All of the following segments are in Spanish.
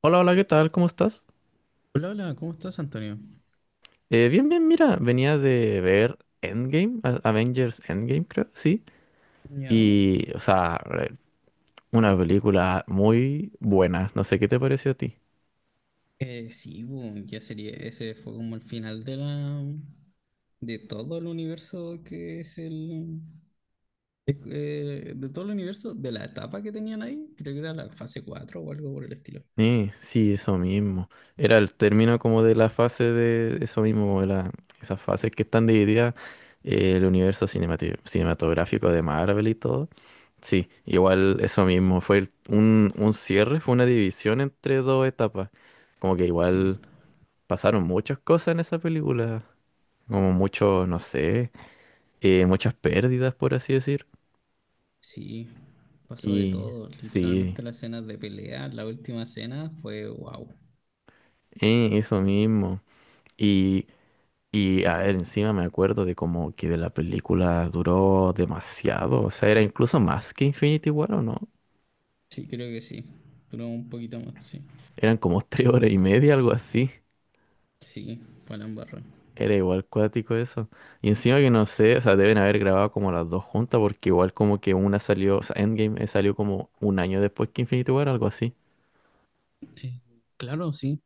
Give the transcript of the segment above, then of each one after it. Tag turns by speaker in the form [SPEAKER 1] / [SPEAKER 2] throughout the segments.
[SPEAKER 1] Hola, hola, ¿qué tal? ¿Cómo estás?
[SPEAKER 2] Hola, hola, ¿cómo estás, Antonio?
[SPEAKER 1] Bien, bien, mira, venía de ver Endgame, Avengers Endgame, creo, sí.
[SPEAKER 2] Ya.
[SPEAKER 1] Y, o sea, una película muy buena, no sé qué te pareció a ti.
[SPEAKER 2] Sí, ya sería. Ese fue como el final de la. De todo el universo que es el. De todo el universo, de la etapa que tenían ahí. Creo que era la fase 4 o algo por el estilo.
[SPEAKER 1] Sí, eso mismo. Era el término como de la fase de eso mismo, esas fases que están divididas, el universo cinematográfico de Marvel y todo. Sí, igual eso mismo, fue un cierre, fue una división entre dos etapas. Como que
[SPEAKER 2] Sí,
[SPEAKER 1] igual. Pasaron muchas cosas en esa película, como mucho, no sé, muchas pérdidas, por así decir.
[SPEAKER 2] sí. Pasó de
[SPEAKER 1] Y
[SPEAKER 2] todo.
[SPEAKER 1] sí,
[SPEAKER 2] Literalmente las escenas de pelea, la última escena fue wow.
[SPEAKER 1] eso mismo. Y, y a ver, encima me acuerdo de como que de la película duró demasiado, o sea, era incluso más que Infinity War, ¿o no?
[SPEAKER 2] Sí, creo que sí. Duró un poquito más, sí.
[SPEAKER 1] Eran como 3 horas y media, algo así.
[SPEAKER 2] Sí, fue la embarra.
[SPEAKER 1] Era igual cuático eso. Y encima que no sé, o sea, deben haber grabado como las dos juntas, porque igual como que una salió, o sea, Endgame salió como un año después que Infinity War, algo así.
[SPEAKER 2] Eh, claro, sí.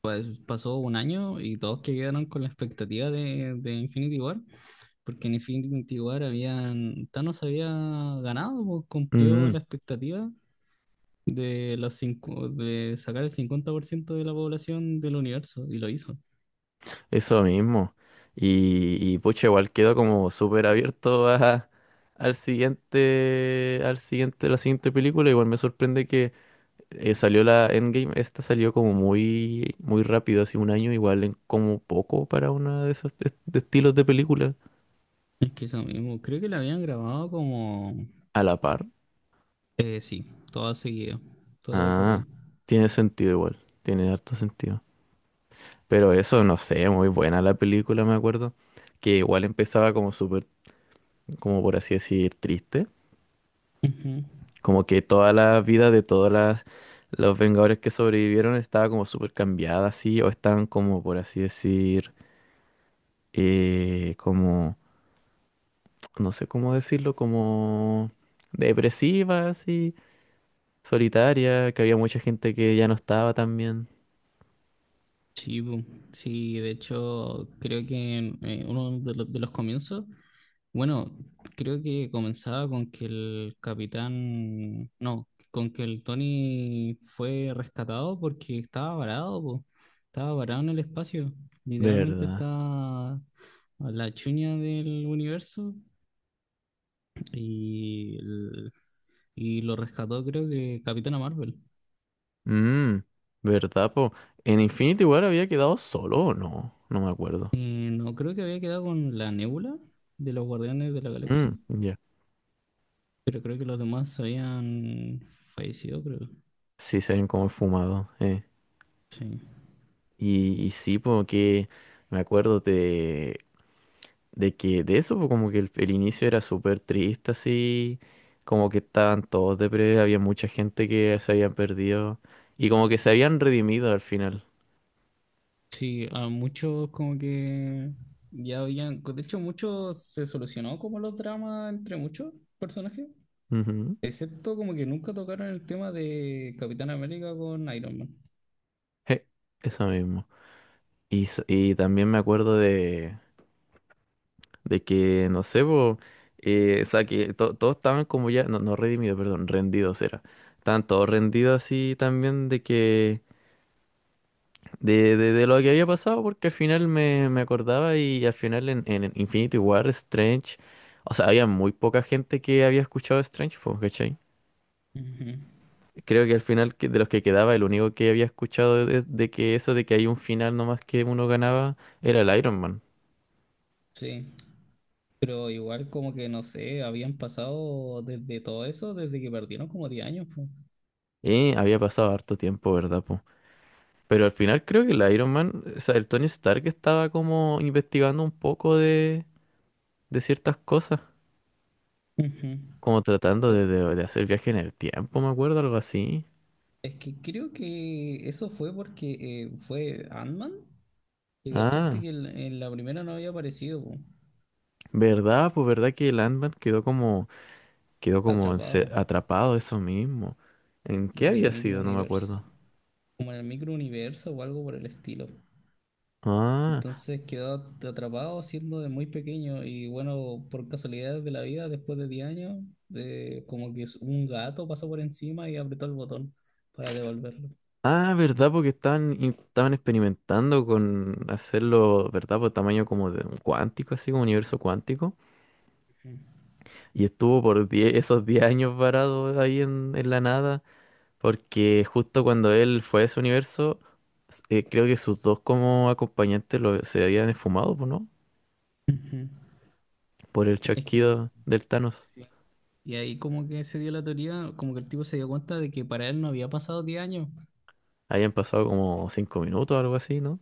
[SPEAKER 2] Pues pasó un año y todos que quedaron con la expectativa de Infinity War, porque en Infinity War habían, Thanos había ganado, pues, cumplió
[SPEAKER 1] Ujú.
[SPEAKER 2] la expectativa de sacar el 50% de la población del universo y lo hizo.
[SPEAKER 1] Eso mismo. Y pucha, igual quedo como súper abierto a, al siguiente, la siguiente película. Igual me sorprende que salió la Endgame. Esta salió como muy, muy rápido, hace un año, igual en como poco para una de esos de estilos de película.
[SPEAKER 2] Es que eso mismo, creo que la habían grabado como,
[SPEAKER 1] A la par.
[SPEAKER 2] sí, toda seguida, toda de
[SPEAKER 1] Ah,
[SPEAKER 2] corrido.
[SPEAKER 1] tiene sentido igual. Tiene harto sentido. Pero eso, no sé, muy buena la película, me acuerdo. Que igual empezaba como súper, como por así decir, triste.
[SPEAKER 2] Ujú.
[SPEAKER 1] Como que toda la vida de todas las los Vengadores que sobrevivieron estaba como súper cambiada así, o estaban como, por así decir, como, no sé cómo decirlo, como depresiva así, solitaria, que había mucha gente que ya no estaba tan bien.
[SPEAKER 2] Sí, sí, de hecho creo que uno de los comienzos. Bueno, creo que comenzaba con que el capitán, no, con que el Tony fue rescatado porque estaba varado, po. Estaba varado en el espacio. Literalmente
[SPEAKER 1] ¿Verdad?
[SPEAKER 2] estaba a la chuña del universo y, el- y lo rescató creo que Capitana Marvel.
[SPEAKER 1] Mm, ¿Verdad, po? ¿En Infinity War había quedado solo o no? No me acuerdo.
[SPEAKER 2] No, creo que había quedado con la Nebula de los Guardianes de la Galaxia,
[SPEAKER 1] Mm, ya.
[SPEAKER 2] pero creo que los demás habían fallecido, creo.
[SPEAKER 1] Sí, se ven como fumado, eh.
[SPEAKER 2] Sí.
[SPEAKER 1] Y sí, porque me acuerdo de que de eso, pues, como que el inicio era súper triste, así, como que estaban todos deprimidos, había mucha gente que se habían perdido y como que se habían redimido al final.
[SPEAKER 2] Sí, a muchos como que ya habían, de hecho muchos se solucionó como los dramas entre muchos personajes,
[SPEAKER 1] Ujú.
[SPEAKER 2] excepto como que nunca tocaron el tema de Capitán América con Iron Man.
[SPEAKER 1] Je, eso mismo. Y también me acuerdo de que, no sé, po, o sea, que todos estaban como ya, no, no redimidos, perdón, rendidos era. Estaban todos rendidos así también de que de lo que había pasado, porque al final me acordaba y al final en Infinity War, Strange, o sea, había muy poca gente que había escuchado Strange, pues, ¿cachai?
[SPEAKER 2] Ujú.
[SPEAKER 1] Creo que al final de los que quedaba, el único que había escuchado de que eso de que hay un final nomás que uno ganaba era el Iron Man.
[SPEAKER 2] Sí, pero igual como que no sé, habían pasado desde todo eso, desde que perdieron como 10 años, po.
[SPEAKER 1] Y había pasado harto tiempo, ¿verdad, po? Pero al final creo que el Iron Man, o sea, el Tony Stark estaba como investigando un poco de ciertas cosas,
[SPEAKER 2] Ujú.
[SPEAKER 1] como tratando
[SPEAKER 2] Eh,
[SPEAKER 1] de hacer viaje en el tiempo, me acuerdo, algo así.
[SPEAKER 2] Es que creo que eso fue porque fue Ant-Man, que cachaste
[SPEAKER 1] Ah,
[SPEAKER 2] que en la primera no había aparecido, po,
[SPEAKER 1] verdad, pues verdad que Landman quedó como
[SPEAKER 2] atrapado
[SPEAKER 1] atrapado eso mismo. ¿En qué
[SPEAKER 2] en el
[SPEAKER 1] había
[SPEAKER 2] micro
[SPEAKER 1] sido? No me
[SPEAKER 2] universo.
[SPEAKER 1] acuerdo.
[SPEAKER 2] Como en el microuniverso o algo por el estilo.
[SPEAKER 1] Ah,
[SPEAKER 2] Entonces quedó atrapado siendo de muy pequeño y bueno, por casualidades de la vida, después de 10 años, como que un gato pasó por encima y apretó el botón para devolverlo.
[SPEAKER 1] ah, verdad, porque estaban experimentando con hacerlo, ¿verdad? Por tamaño como de un cuántico, así como universo cuántico. Y estuvo por 10 esos 10 años varado ahí en la nada, porque justo cuando él fue a ese universo, creo que sus dos como acompañantes se habían esfumado, pues, ¿no?
[SPEAKER 2] Ujú.
[SPEAKER 1] Por el
[SPEAKER 2] Es que...
[SPEAKER 1] chasquido del Thanos.
[SPEAKER 2] sí. Y ahí como que se dio la teoría, como que el tipo se dio cuenta de que para él no había pasado 10 años.
[SPEAKER 1] Habían pasado como 5 minutos o algo así, ¿no?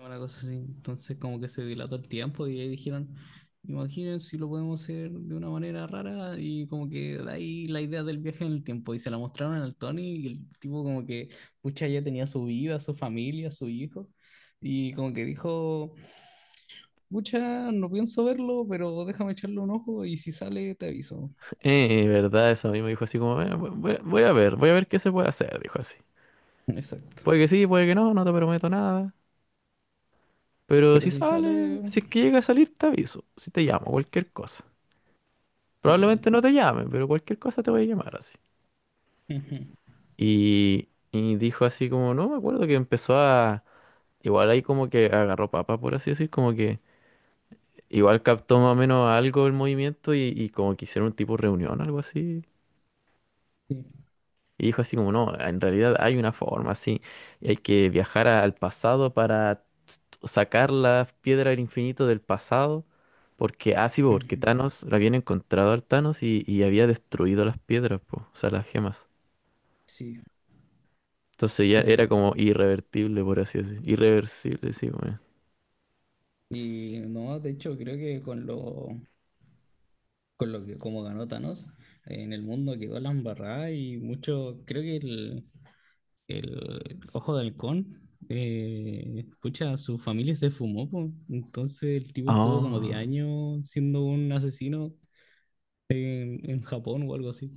[SPEAKER 2] Una cosa así. Entonces como que se dilató el tiempo y ahí dijeron, imaginen si lo podemos hacer de una manera rara y como que de ahí la idea del viaje en el tiempo y se la mostraron al Tony y el tipo como que, pucha, ya tenía su vida, su familia, su hijo y como que dijo, pucha, no pienso verlo, pero déjame echarle un ojo y si sale te aviso.
[SPEAKER 1] Verdad, eso a mí me dijo así como, "Voy a ver qué se puede hacer", dijo así.
[SPEAKER 2] Exacto.
[SPEAKER 1] Puede que sí, puede que no, no te prometo nada. Pero
[SPEAKER 2] Pero
[SPEAKER 1] si
[SPEAKER 2] si
[SPEAKER 1] sale,
[SPEAKER 2] sale,
[SPEAKER 1] si es que llega a salir, te aviso. Si te llamo, cualquier cosa.
[SPEAKER 2] literal.
[SPEAKER 1] Probablemente no te llame, pero cualquier cosa te voy a llamar así.
[SPEAKER 2] Ujú.
[SPEAKER 1] Y dijo así como, no me acuerdo que empezó a. Igual ahí como que agarró papa, por así decir, como que igual captó más o menos algo el movimiento y como que hicieron un tipo de reunión, algo así.
[SPEAKER 2] Sí.
[SPEAKER 1] Y dijo así como, no, en realidad hay una forma, sí, y hay que viajar al pasado para sacar la piedra del infinito del pasado, porque, ah, sí, po, porque
[SPEAKER 2] Ujú.
[SPEAKER 1] Thanos, la habían encontrado al Thanos y había destruido las piedras, po, o sea, las gemas.
[SPEAKER 2] Sí.
[SPEAKER 1] Entonces ya era como irrevertible, por así decir. Irreversible, sí, weón.
[SPEAKER 2] Y no, de hecho creo que con lo que como ganó Thanos, en el mundo quedó la embarrada y mucho, creo que el Ojo de Halcón, pucha, su familia se fumó, po. Entonces el tipo estuvo como 10
[SPEAKER 1] Ah,
[SPEAKER 2] años siendo un asesino en Japón o algo así.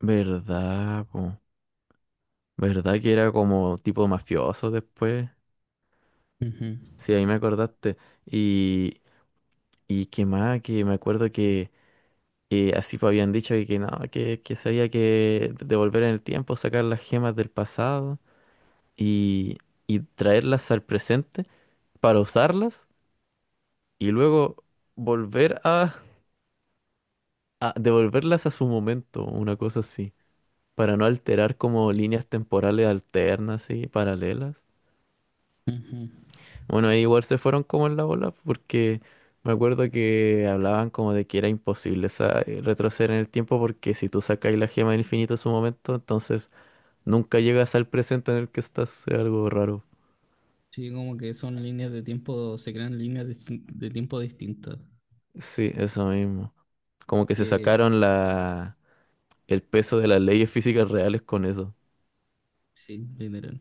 [SPEAKER 1] verdad, po. Verdad que era como tipo mafioso después.
[SPEAKER 2] Ujú.
[SPEAKER 1] Sí, ahí me acordaste. Y, y qué más, que me acuerdo. Y así pues habían dicho que no, que sabía que devolver en el tiempo, sacar las gemas del pasado y, y traerlas al presente para usarlas y luego volver a devolverlas a su momento, una cosa así, para no alterar como
[SPEAKER 2] Sí.
[SPEAKER 1] líneas temporales alternas y paralelas.
[SPEAKER 2] Ujú.
[SPEAKER 1] Bueno, ahí igual se fueron como en la bola porque me acuerdo que hablaban como de que era imposible retroceder en el tiempo porque si tú sacas la gema del infinito a su momento, entonces nunca llegas al presente en el que estás, es algo raro.
[SPEAKER 2] Sí, como que son líneas de tiempo, se crean líneas de tiempo distintas.
[SPEAKER 1] Sí, eso mismo. Como que se
[SPEAKER 2] Que
[SPEAKER 1] sacaron el peso de las leyes físicas reales con eso.
[SPEAKER 2] sí, literal.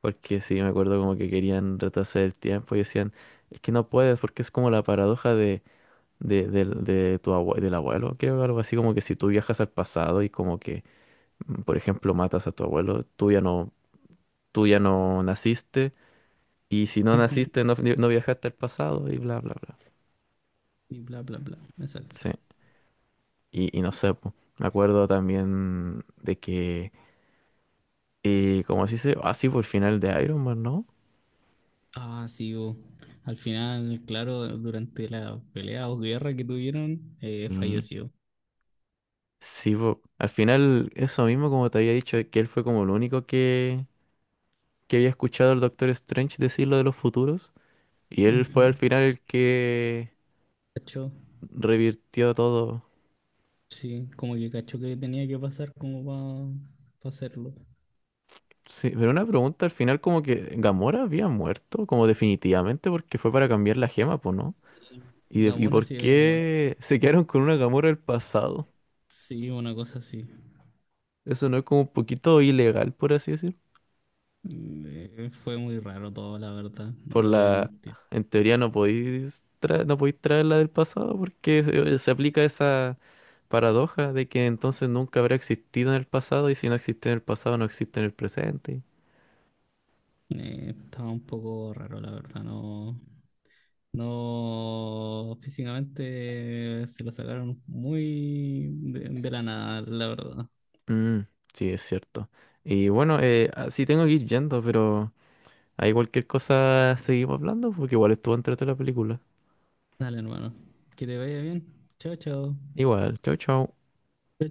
[SPEAKER 1] Porque sí, me acuerdo como que querían retrasar el tiempo y decían, es que no puedes porque es como la paradoja de, del- de tu abue- del abuelo. Creo que algo así como que si tú viajas al pasado y como que, por ejemplo, matas a tu abuelo, tú ya no naciste y si no
[SPEAKER 2] Ujú.
[SPEAKER 1] naciste no, no viajaste al pasado y bla, bla, bla.
[SPEAKER 2] Y bla, bla, bla. Exacto.
[SPEAKER 1] Sí. Y no sé, po. Me acuerdo también de que, como así dice, así por el final de Iron Man, ¿no?
[SPEAKER 2] Ah, sí, bo. Al final, claro, durante la pelea o guerra que tuvieron,
[SPEAKER 1] Y
[SPEAKER 2] falleció.
[SPEAKER 1] sí, po. Al final, eso mismo, como te había dicho, que él fue como el único que había escuchado al Doctor Strange decir lo de los futuros. Y él fue al
[SPEAKER 2] Ujú.
[SPEAKER 1] final el que
[SPEAKER 2] ¿Cachó?
[SPEAKER 1] revirtió todo.
[SPEAKER 2] Sí, como que cachó que tenía que pasar como para hacerlo.
[SPEAKER 1] Sí, pero una pregunta, al final como que Gamora había muerto, como definitivamente, porque fue para cambiar la gema, pues, ¿no?
[SPEAKER 2] Y
[SPEAKER 1] ¿Y
[SPEAKER 2] Damora
[SPEAKER 1] por
[SPEAKER 2] sí había muerto.
[SPEAKER 1] qué se quedaron con una Gamora del pasado?
[SPEAKER 2] Sí, una cosa así.
[SPEAKER 1] Eso no es como un poquito ilegal, por así decir.
[SPEAKER 2] Fue muy raro todo, la verdad, no
[SPEAKER 1] Por
[SPEAKER 2] te voy a
[SPEAKER 1] la,
[SPEAKER 2] mentir.
[SPEAKER 1] en teoría no podéis traer la del pasado porque se aplica esa paradoja de que entonces nunca habrá existido en el pasado y si no existe en el pasado no existe en el presente.
[SPEAKER 2] Estaba un poco raro, la verdad, no. No, físicamente se lo sacaron muy de la nada, la verdad.
[SPEAKER 1] Mm, sí, es cierto. Y bueno, así tengo que ir yendo, pero hay cualquier cosa seguimos hablando porque igual estuvo entrete la película.
[SPEAKER 2] Dale, hermano. Que te vaya bien. Chao, chao.
[SPEAKER 1] Igual, chau, chau.